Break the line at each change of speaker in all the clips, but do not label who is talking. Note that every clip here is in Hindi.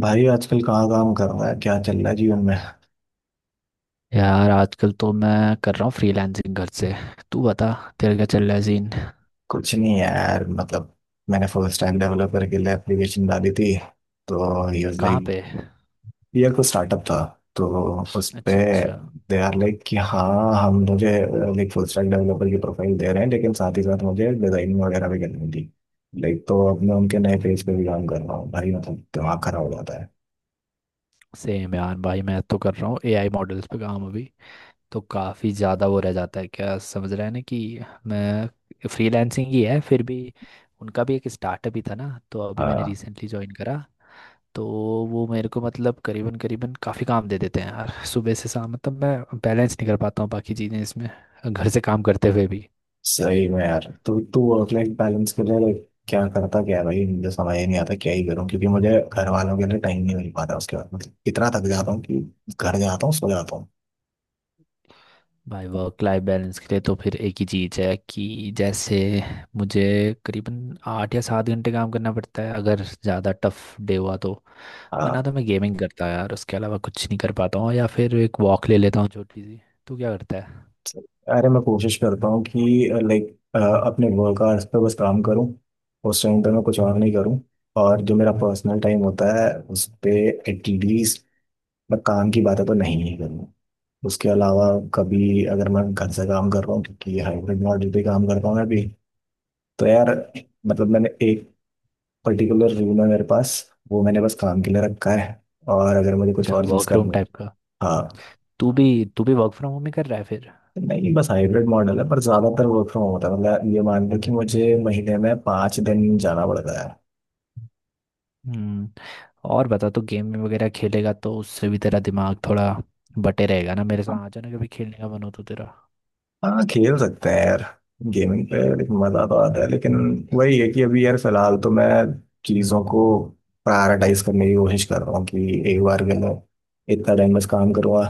भाई, आजकल कहाँ काम कर रहा है? क्या चल रहा है जीवन में?
यार आजकल तो मैं कर रहा हूँ फ्रीलांसिंग घर से। तू बता। तेरे क्या चल रहा है सीन?
कुछ नहीं है यार, मतलब। मैंने फुल स्टैक डेवलपर के लिए एप्लीकेशन डाली थी। तो ही वाज
कहाँ
लाइक,
पे?
ये कोई स्टार्टअप था। तो उस पे
अच्छा अच्छा।
दे आर लाइक कि हाँ, हम मुझे लाइक फुल स्टैक डेवलपर की प्रोफाइल दे रहे हैं, लेकिन साथ ही साथ मुझे डिजाइनिंग वगैरह भी करनी थी। लाइक तो अब मैं उनके नए पेज पे भी काम कर रहा हूँ भाई, मतलब दिमाग खराब हो जाता है।
सेम यार भाई मैं तो कर रहा हूँ एआई मॉडल्स पे काम अभी। तो काफ़ी ज़्यादा वो रह जाता है, क्या समझ रहा है ना कि मैं फ्रीलांसिंग ही है फिर भी। उनका भी एक स्टार्टअप ही था ना, तो अभी मैंने
हाँ।
रिसेंटली ज्वाइन करा। तो वो मेरे को मतलब करीबन करीबन काफ़ी काम दे देते हैं यार, सुबह से शाम, मतलब मैं बैलेंस नहीं कर पाता हूँ बाकी चीज़ें इसमें, घर से काम करते हुए भी।
सही में यार, तू तू वर्क लाइफ बैलेंस के लिए like, क्या करता क्या है भाई? मुझे समझ ही नहीं आता क्या ही करूँ, क्योंकि मुझे घर वालों के लिए टाइम नहीं मिल पाता, उसके बाद मतलब इतना थक जाता हूँ कि घर जाता हूँ, सो जाता हूँ।
भाई वर्क लाइफ बैलेंस के लिए तो फिर एक ही चीज़ है कि जैसे मुझे करीबन 8 या 7 घंटे काम करना पड़ता है अगर ज़्यादा टफ डे हुआ तो। वरना
हाँ।
तो मैं गेमिंग करता यार, उसके अलावा कुछ नहीं कर पाता हूँ, या फिर एक वॉक ले लेता हूँ छोटी सी। तू क्या करता है?
अरे मैं कोशिश करता हूँ कि लाइक अपने वर्क आवर्स पे बस काम करूँ, उस टाइम पे मैं कुछ और नहीं करूँ। और जो मेरा पर्सनल टाइम होता है उस पे एटलीस्ट मैं काम की बातें तो नहीं ही करूँ। उसके अलावा, कभी अगर मैं घर से काम कर रहा हूँ क्योंकि हाइब्रिड मॉडल पे काम करता हूँ मैं भी, तो यार मतलब मैंने एक पर्टिकुलर रूल है मेरे पास, वो मैंने बस काम के लिए रखा है। और अगर मुझे कुछ
अच्छा,
और चीज़
वर्क रूम
करनी।
टाइप का?
हाँ।
तू भी तू भी वर्क फ्रॉम होम ही कर रहा है फिर?
नहीं, बस हाइब्रिड मॉडल है, पर ज़्यादातर वर्क फ्रॉम होता है। मतलब ये मान लो कि मुझे महीने में 5 दिन जाना पड़ता है।
हम्म। और बता, तो गेम वगैरह खेलेगा तो उससे भी तेरा दिमाग थोड़ा बटे रहेगा ना, मेरे साथ आ जाना कभी खेलने का मन हो तो तेरा।
हाँ, खेल सकते हैं यार गेमिंग पे, लेकिन मजा तो आता है, लेकिन वही है कि अभी यार फिलहाल तो मैं चीजों को प्रायोरिटाइज करने की कोशिश कर रहा हूँ कि एक बार के लिए इतना टाइम बस काम करूँगा,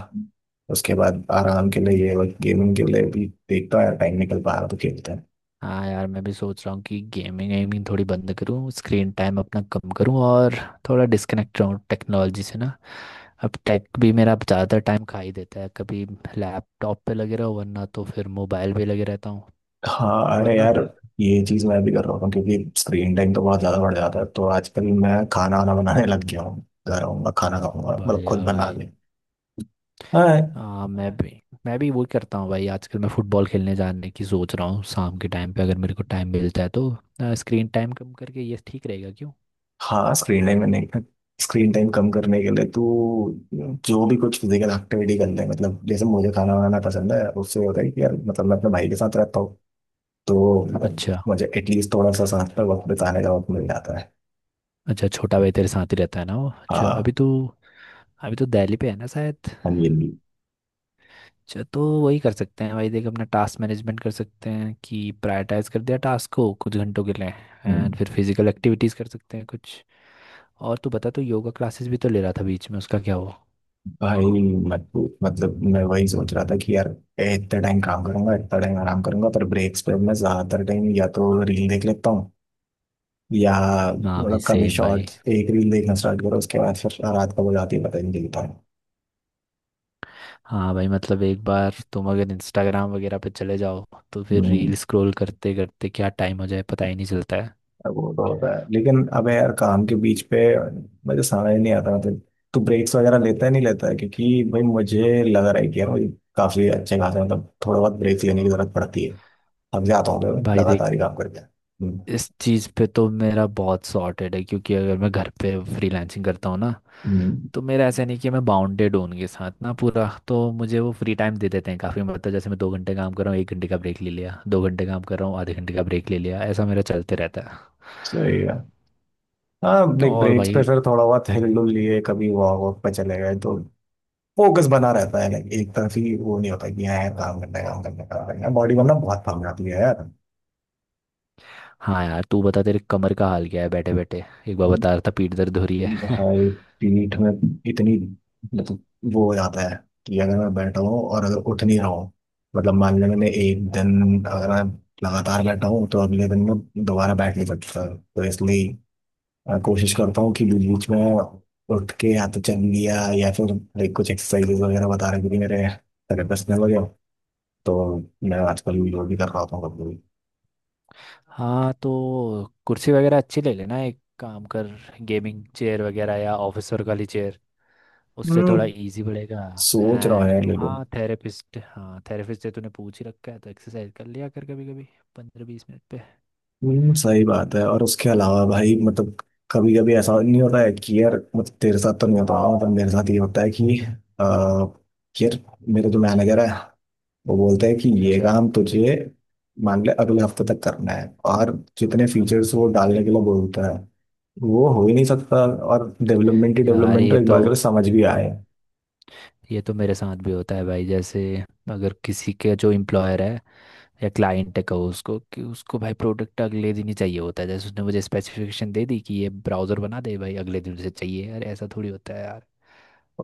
उसके बाद आराम के लिए ये वक्त गेमिंग के लिए भी देखता हूँ यार, टाइम निकल पा रहा तो खेलते हैं।
हाँ यार मैं भी सोच रहा हूँ कि गेमिंग वेमिंग थोड़ी बंद करूँ, स्क्रीन टाइम अपना कम करूँ, और थोड़ा डिस्कनेक्ट रहूँ टेक्नोलॉजी से ना। अब टेक भी मेरा ज़्यादा टाइम खा ही देता है, कभी लैपटॉप पे लगे रहो वरना तो फिर मोबाइल पे लगे रहता हूँ,
हाँ, अरे
वरना
यार
फिर।
ये चीज मैं भी कर रहा हूँ, क्योंकि स्क्रीन टाइम तो बहुत ज्यादा बढ़ जाता है, तो आजकल मैं खाना वाना बनाने लग गया हूँ, घर आऊंगा खाना खाऊंगा, मतलब
बढ़िया
खुद बना
भाई।
ले। हाँ।
हाँ मैं भी वही करता हूँ भाई, आजकल मैं फुटबॉल खेलने जाने की सोच रहा हूँ शाम के टाइम पे, अगर मेरे को टाइम मिलता है तो। स्क्रीन टाइम कम करके ये ठीक रहेगा क्यों?
हाँ, स्क्रीन टाइम मैंने, स्क्रीन टाइम कम करने के लिए तो जो भी कुछ फिजिकल एक्टिविटी कर ले, मतलब जैसे मुझे खाना बनाना पसंद है, उससे होता है कि यार मतलब मैं अपने भाई के साथ रहता हूँ, तो मतलब
अच्छा
मुझे एटलीस्ट थोड़ा सा साथ में वक्त बिताने का वक्त मिल जाता है।
अच्छा। छोटा भाई तेरे साथ ही रहता है ना वो? अच्छा।
हाँ।
अभी तो दिल्ली पे है ना शायद?
हाँ जी, हाँ जी।
अच्छा तो वही कर सकते हैं भाई, देख अपना टास्क मैनेजमेंट कर सकते हैं कि प्रायोरिटाइज कर दिया टास्क को कुछ घंटों के लिए। एंड
हम्म,
फिर फिजिकल एक्टिविटीज कर सकते हैं कुछ। और तू बता, तो योगा क्लासेस भी तो ले रहा था बीच में, उसका क्या हुआ?
भाई मत पूछ, मतलब मैं वही सोच रहा था कि यार इतना टाइम काम करूंगा इतना टाइम आराम करूंगा, पर ब्रेक्स पे मैं ज्यादातर टाइम या तो रील देख लेता हूँ, या
हाँ भाई
मतलब कभी
सेम भाई।
शॉर्ट एक रील देखना स्टार्ट करो, उसके बाद फिर रात कब हो जाती है पता ही नहीं चलता।
हाँ भाई मतलब एक बार तुम अगर इंस्टाग्राम वगैरह पे चले जाओ तो फिर
हम्म,
रील स्क्रॉल करते करते क्या टाइम हो जाए पता ही नहीं चलता है।
अब वो तो होता है, लेकिन अबे यार काम के बीच पे मुझे समझ नहीं आता, मतलब तू ब्रेक्स वगैरह लेता है नहीं लेता है? क्योंकि भाई मुझे लग रहा है कि यार मुझे काफी अच्छे खासे, मतलब थोड़ा बहुत ब्रेक लेने की जरूरत पड़ती है, थक जाता हूँ मैं
भाई देख,
लगातार ही काम करके। हम्म,
इस चीज़ पे तो मेरा बहुत सॉर्टेड है क्योंकि अगर मैं घर पे फ्रीलांसिंग करता हूँ ना
हम्म,
तो मेरा ऐसा नहीं कि मैं बाउंडेड हूँ उनके साथ ना पूरा, तो मुझे वो फ्री टाइम दे देते हैं काफ़ी, मतलब जैसे मैं 2 घंटे काम कर रहा हूँ, 1 घंटे का ब्रेक ले लिया, 2 घंटे काम कर रहा हूँ, आधे घंटे का ब्रेक ले लिया, ऐसा मेरा चलते रहता है।
सही है। हाँ लाइक
और
ब्रेक्स पे
भाई।
फिर थोड़ा बहुत हिल डुल लिए, कभी वॉक वॉक पे चले गए, तो फोकस बना रहता है लाइक, एक तरफ ही वो नहीं होता कि हाँ यार काम करना है काम करना है काम करना है, बॉडी वरना बहुत थक जाती है यार।
हाँ यार तू बता, तेरे कमर का हाल क्या है बैठे बैठे? एक बार बता रहा था पीठ दर्द हो रही है
भाई, पीठ में इतनी, मतलब वो हो जाता है कि अगर मैं बैठा हूँ और अगर उठ नहीं रहा हूँ, मतलब मान लें मैंने एक दिन अगर मैं लगातार बैठा हूँ, तो अगले दिन मैं दोबारा बैठ नहीं सकता। तो इसलिए कोशिश करता हूँ कि बीच बीच में उठ के या तो चल लिया, या फिर लाइक कुछ एक्सरसाइजेज वगैरह बता रहे थे मेरे थेरेपिस्ट ने वगैरह, तो मैं आजकल वो भी कर रहा होता हूँ कभी कभी।
हाँ तो कुर्सी वगैरह अच्छी ले लेना एक काम कर, गेमिंग चेयर वगैरह या ऑफिसर वाली चेयर, उससे थोड़ा
हम्म,
इजी पड़ेगा।
सोच रहा हूँ यार,
एंड
लेकिन
हाँ थेरेपिस्ट से तूने पूछ ही रखा है तो एक्सरसाइज कर लिया कर कभी कभी, 15-20 मिनट पे।
सही बात है। और उसके अलावा भाई, मतलब कभी कभी ऐसा नहीं होता है कि यार, मतलब तेरे साथ तो नहीं होता, मतलब मेरे साथ ये होता है कि आ, यार मेरे जो मैनेजर है वो बोलते हैं कि ये
अच्छा
काम तुझे मान ले अगले हफ्ते तक करना है, और जितने फीचर्स वो डालने के लिए बोलता है वो हो ही नहीं सकता। और डेवलपमेंट ही
यार
डेवलपमेंट तो
ये
एक
तो
बार के लिए समझ भी
बिल्कुल
आए।
ये तो मेरे साथ भी होता है भाई, जैसे अगर किसी के जो एम्प्लॉयर है या क्लाइंट है कहो, उसको कि उसको भाई प्रोडक्ट अगले दिन ही चाहिए होता है, जैसे उसने मुझे स्पेसिफिकेशन दे दी कि ये ब्राउज़र बना दे भाई अगले दिन से चाहिए यार ऐसा थोड़ी होता है यार।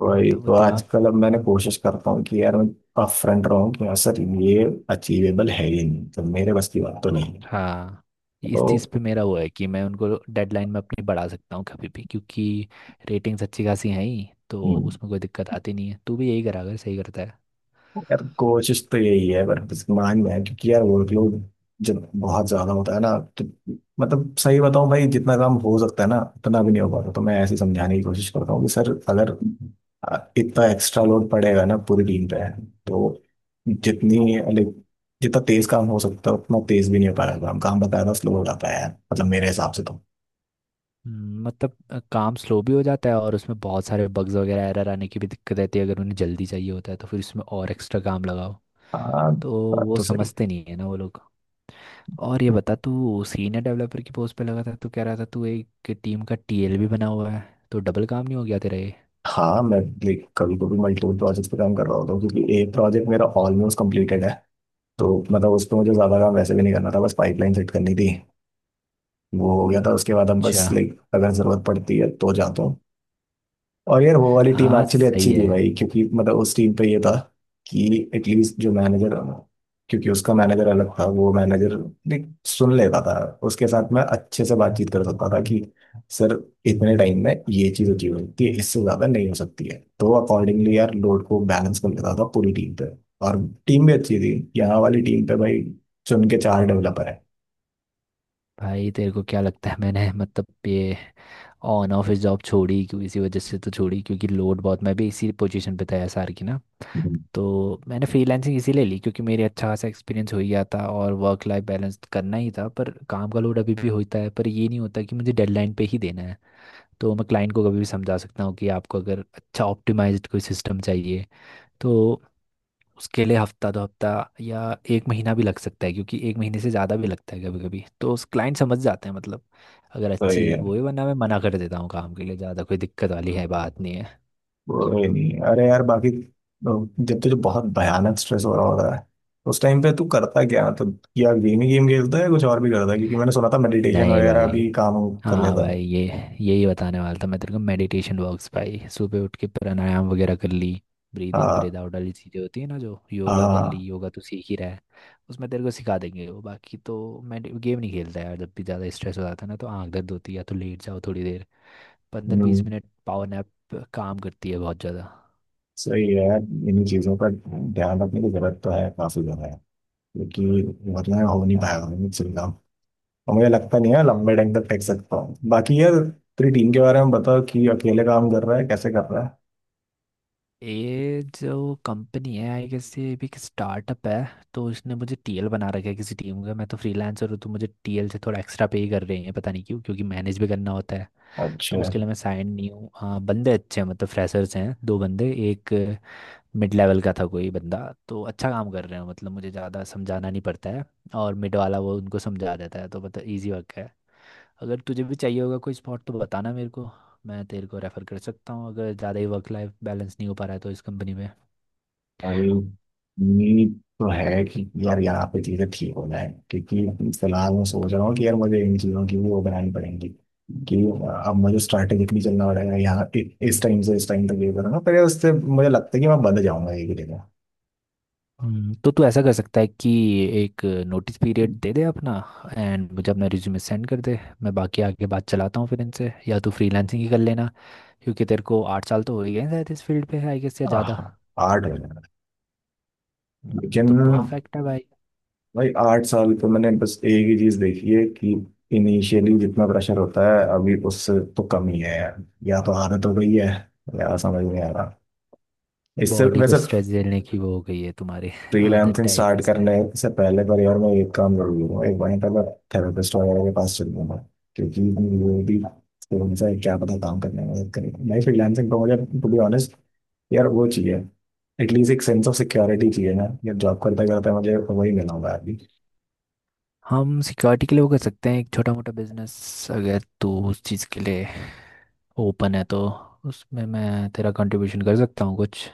वही
मतलब वो
तो
दिमाग।
आजकल अब मैंने कोशिश करता हूँ कि यार मैं अपफ्रंट रहूँ कि यार सर, ये अचीवेबल है ही नहीं, तो मेरे बस की बात तो नहीं है।
हाँ,
तो
इस चीज़ पे मेरा वो है कि मैं उनको डेडलाइन में अपनी बढ़ा सकता हूँ कभी भी, क्योंकि रेटिंग्स अच्छी खासी हैं ही तो
हम्म।
उसमें कोई दिक्कत आती नहीं है, तू भी यही करा अगर सही करता है।
यार कोशिश तो यही है, पर बस मान में है, क्योंकि यार वर्कलोड जब बहुत ज्यादा होता है ना, तो मतलब सही बताऊं भाई, जितना काम हो सकता है ना, उतना भी नहीं हो पाता। तो मैं ऐसे ही समझाने की कोशिश करता हूँ कि सर अगर इतना एक्स्ट्रा लोड पड़ेगा ना पूरी टीम पे, तो जितनी like, जितना तेज काम हो सकता है उतना तेज भी नहीं हो पाएगा, काम काम बकायदा स्लो हो जाता है यार, मतलब मेरे हिसाब से तो।
मतलब काम स्लो भी हो जाता है और उसमें बहुत सारे बग्स वगैरह एरर आने की भी दिक्कत रहती है अगर उन्हें जल्दी चाहिए होता है तो फिर उसमें और एक्स्ट्रा काम लगाओ।
हाँ,
तो
बात
वो
तो सही है।
समझते नहीं है ना वो लोग। और ये बता तू सीनियर डेवलपर की पोस्ट पे लगा था, तू कह रहा था तू एक टीम का टीएल भी बना हुआ है, तो डबल काम नहीं हो गया तेरा ये?
हाँ, मैं लाइक कभी कभी मल्टीपल प्रोजेक्ट्स पे काम कर रहा होता हूँ, क्योंकि एक प्रोजेक्ट मेरा ऑलमोस्ट कंप्लीटेड है, तो मतलब उसपे मुझे ज्यादा काम वैसे भी नहीं करना था, बस पाइपलाइन सेट करनी थी, वो हो गया था, उसके बाद अब
अच्छा।
बस लाइक अगर जरूरत पड़ती है तो जाता हूँ। और यार वो वाली टीम
हाँ
एक्चुअली
सही
अच्छी थी
है।
भाई, क्योंकि मतलब उस टीम पे ये था कि एटलीस्ट जो मैनेजर, क्योंकि उसका मैनेजर अलग था, वो मैनेजर सुन लेता था, उसके साथ मैं अच्छे से बातचीत कर सकता था कि सर इतने टाइम में ये चीज़ अचीव होती है, इससे ज़्यादा नहीं हो सकती है, तो अकॉर्डिंगली यार लोड को बैलेंस कर लेता था पूरी टीम पे। और टीम भी अच्छी थी, यहाँ वाली टीम पे भाई चुन के चार डेवलपर है।
भाई तेरे को क्या लगता है मैंने मतलब ये ऑन ऑफिस जॉब छोड़ी क्यों, इसी वजह से तो छोड़ी क्योंकि लोड बहुत, मैं भी इसी पोजीशन पे था एसआर की ना। तो मैंने फ्रीलांसिंग इसीलिए ली क्योंकि मेरे अच्छा खासा एक्सपीरियंस हो ही गया था और वर्क लाइफ बैलेंस करना ही था, पर काम का लोड अभी भी होता है, पर ये नहीं होता कि मुझे डेडलाइन पे ही देना है। तो मैं क्लाइंट को कभी भी समझा सकता हूँ कि आपको अगर अच्छा ऑप्टिमाइज्ड कोई सिस्टम चाहिए तो उसके लिए हफ्ता दो हफ्ता या एक महीना भी लग सकता है, क्योंकि एक महीने से ज़्यादा भी लगता है कभी कभी, तो उस क्लाइंट समझ जाते हैं मतलब, अगर
तो ये
अच्छी वो है, वरना मैं मना कर देता हूँ काम के लिए, ज़्यादा कोई दिक्कत वाली है बात नहीं है।
बोले नहीं, अरे यार बाकी तो जब तुझे बहुत भयानक स्ट्रेस हो रहा होता है, तो उस टाइम पे तू करता क्या, मतलब या गेम ही गेम खेलता है या कुछ और भी करता है? क्योंकि मैंने सुना था मेडिटेशन
नहीं
वगैरह
भाई।
भी काम कर
हाँ
लेता है।
भाई ये यही बताने वाला था मैं तेरे को मेडिटेशन वर्क्स भाई, सुबह उठ के प्राणायाम वगैरह कर ली। ब्रीद इन
हाँ।
ब्रीद आउट वाली चीज़ें होती है ना, जो योगा कर ली,
हाँ।
योगा तो सीख ही रहा है। उसमें तेरे को सिखा देंगे वो। बाकी तो मैं गेम नहीं खेलता यार, जब भी ज़्यादा स्ट्रेस हो जाता है ना तो आंख दर्द होती है या तो लेट जाओ थोड़ी देर, पंद्रह
हम्म,
बीस मिनट पावर नैप काम करती है बहुत ज़्यादा।
सही है यार, इन्हीं चीज़ों पर ध्यान रखने की जरूरत तो है, काफी ज्यादा है। क्योंकि वरना हो नहीं पाएगा मुझसे भी काम, और मुझे लगता नहीं है लंबे टाइम तक टेक सकता हूँ। बाकी यार तेरी टीम के बारे में बताओ कि अकेले काम कर रहा है, कैसे कर रहा है?
ये जो कंपनी है आई गेस ये भी एक स्टार्टअप है, तो इसने मुझे टीएल बना रखा है किसी टीम का, मैं तो फ्रीलांसर हूँ तो मुझे टीएल से थोड़ा एक्स्ट्रा पे ही कर रहे हैं पता नहीं क्यों, क्योंकि मैनेज भी करना होता है, तो
अच्छा।
उसके लिए मैं साइन नहीं हूँ। हाँ बंदे अच्छे हैं मतलब फ्रेशर्स हैं 2 बंदे, एक मिड लेवल का था कोई बंदा, तो अच्छा काम कर रहे हैं, मतलब मुझे ज़्यादा समझाना नहीं पड़ता है और मिड वाला वो उनको समझा देता है, तो मतलब ईजी वर्क है। अगर तुझे भी चाहिए होगा कोई स्पॉट तो बताना मेरे को, मैं तेरे को रेफर कर सकता हूँ अगर ज़्यादा ही वर्क लाइफ बैलेंस नहीं हो पा रहा है तो इस कंपनी में।
भाई उम्मीद तो है कि यार यहाँ पे चीजें ठीक हो जाए, क्योंकि फिलहाल मैं सोच रहा हूँ कि यार मुझे इन चीजों की भी वो बनानी पड़ेगी कि अब मुझे स्ट्रैटेजिकली चलना पड़ेगा, यहाँ इस टाइम से इस टाइम तक ये करूँगा, पर उससे मुझे लगता है कि मैं बंद जाऊंगा एक ही जगह।
तो तू ऐसा कर सकता है कि एक नोटिस पीरियड दे दे अपना, एंड मुझे अपना रिज्यूमे सेंड कर दे, मैं बाकी आगे बात चलाता हूँ फिर इनसे, या तू फ्रीलांसिंग ही कर लेना क्योंकि तेरे को 8 साल तो हो ही गए हैं शायद इस फील्ड पे आई गेस या ज़्यादा।
हाँ, आर्ट हो जाएगा। लेकिन
तो परफेक्ट है भाई।
भाई 8 साल तो मैंने बस एक ही चीज देखी है कि इनिशियली जितना प्रेशर होता है, अभी उससे तो कम ही है यार, या तो आदत हो गई है, या समझ नहीं आ रहा इससे
बॉडी को
वैसे।
स्ट्रेस झेलने की वो हो गई है तुम्हारी आदत
फ्रीलांसिंग
टाइप
स्टार्ट
की
करने
शायद।
से पहले परिवार में एक काम जरूर लूंगा, एक बार पहले थेरेपिस्ट वगैरह के पास चल लूंगा, क्योंकि वो भी फोन से क्या पता काम करने में मदद करेगा, नहीं फ्रीलांसिंग तो मुझे, टू बी ऑनेस्ट यार वो चाहिए, एटलीस्ट एक सेंस ऑफ सिक्योरिटी चाहिए ना यार, जॉब करते करते मुझे वही मिला होगा अभी।
हम सिक्योरिटी के लिए वो कर सकते हैं एक छोटा मोटा बिजनेस, अगर तू उस चीज़ के लिए ओपन है तो उसमें मैं तेरा कंट्रीब्यूशन कर सकता हूँ कुछ।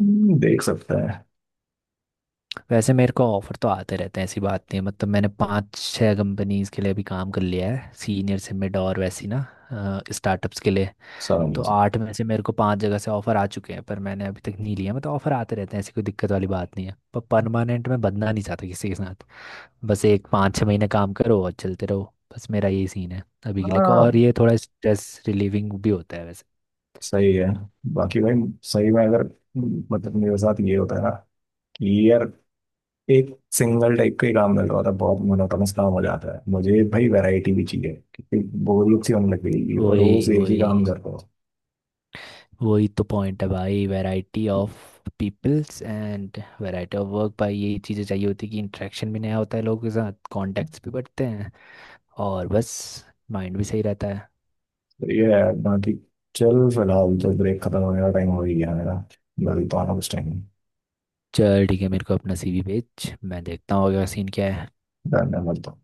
देख सकते हैं
वैसे मेरे को ऑफर तो आते रहते हैं ऐसी बात नहीं है, मतलब मैंने 5-6 कंपनीज के लिए अभी काम कर लिया है, सीनियर से मिड और वैसी ना, स्टार्टअप्स के लिए।
सारा
तो
चीज़।
8 में से मेरे को 5 जगह से ऑफर आ चुके हैं, पर मैंने अभी तक नहीं लिया, मतलब ऑफर आते रहते हैं ऐसी कोई दिक्कत वाली बात नहीं है, पर परमानेंट मैं बदना नहीं चाहता किसी के साथ। बस एक 5-6 महीने काम करो और चलते रहो, बस मेरा यही सीन है अभी के लिए को, और
हाँ
ये थोड़ा स्ट्रेस रिलीविंग भी होता है वैसे।
सही है बाकी भाई, सही में अगर मतलब मेरे साथ ये होता है ना कि यार एक सिंगल टाइप का ही काम मिल रहा था, बहुत मोनोटोनस काम हो जाता है मुझे भाई, वैरायटी भी चाहिए, क्योंकि बोरियत सी होने लग गई और
वही
रोज एक ही
वही
काम करता हूँ।
वही तो पॉइंट है भाई, variety of peoples and variety of work भाई यही चीज़ें चाहिए होती है कि इंटरेक्शन भी नया होता है लोगों के साथ, कॉन्टेक्ट्स भी बढ़ते हैं, और बस माइंड भी सही रहता है।
तो ये है बाकी, चल फिलहाल तो ब्रेक खत्म होने का टाइम हो ही गया मेरा, मिलता हूँ उस टाइम।
चल ठीक है, मेरे को अपना सीवी भेज मैं देखता हूँ अगला सीन क्या है।
धन्यवाद।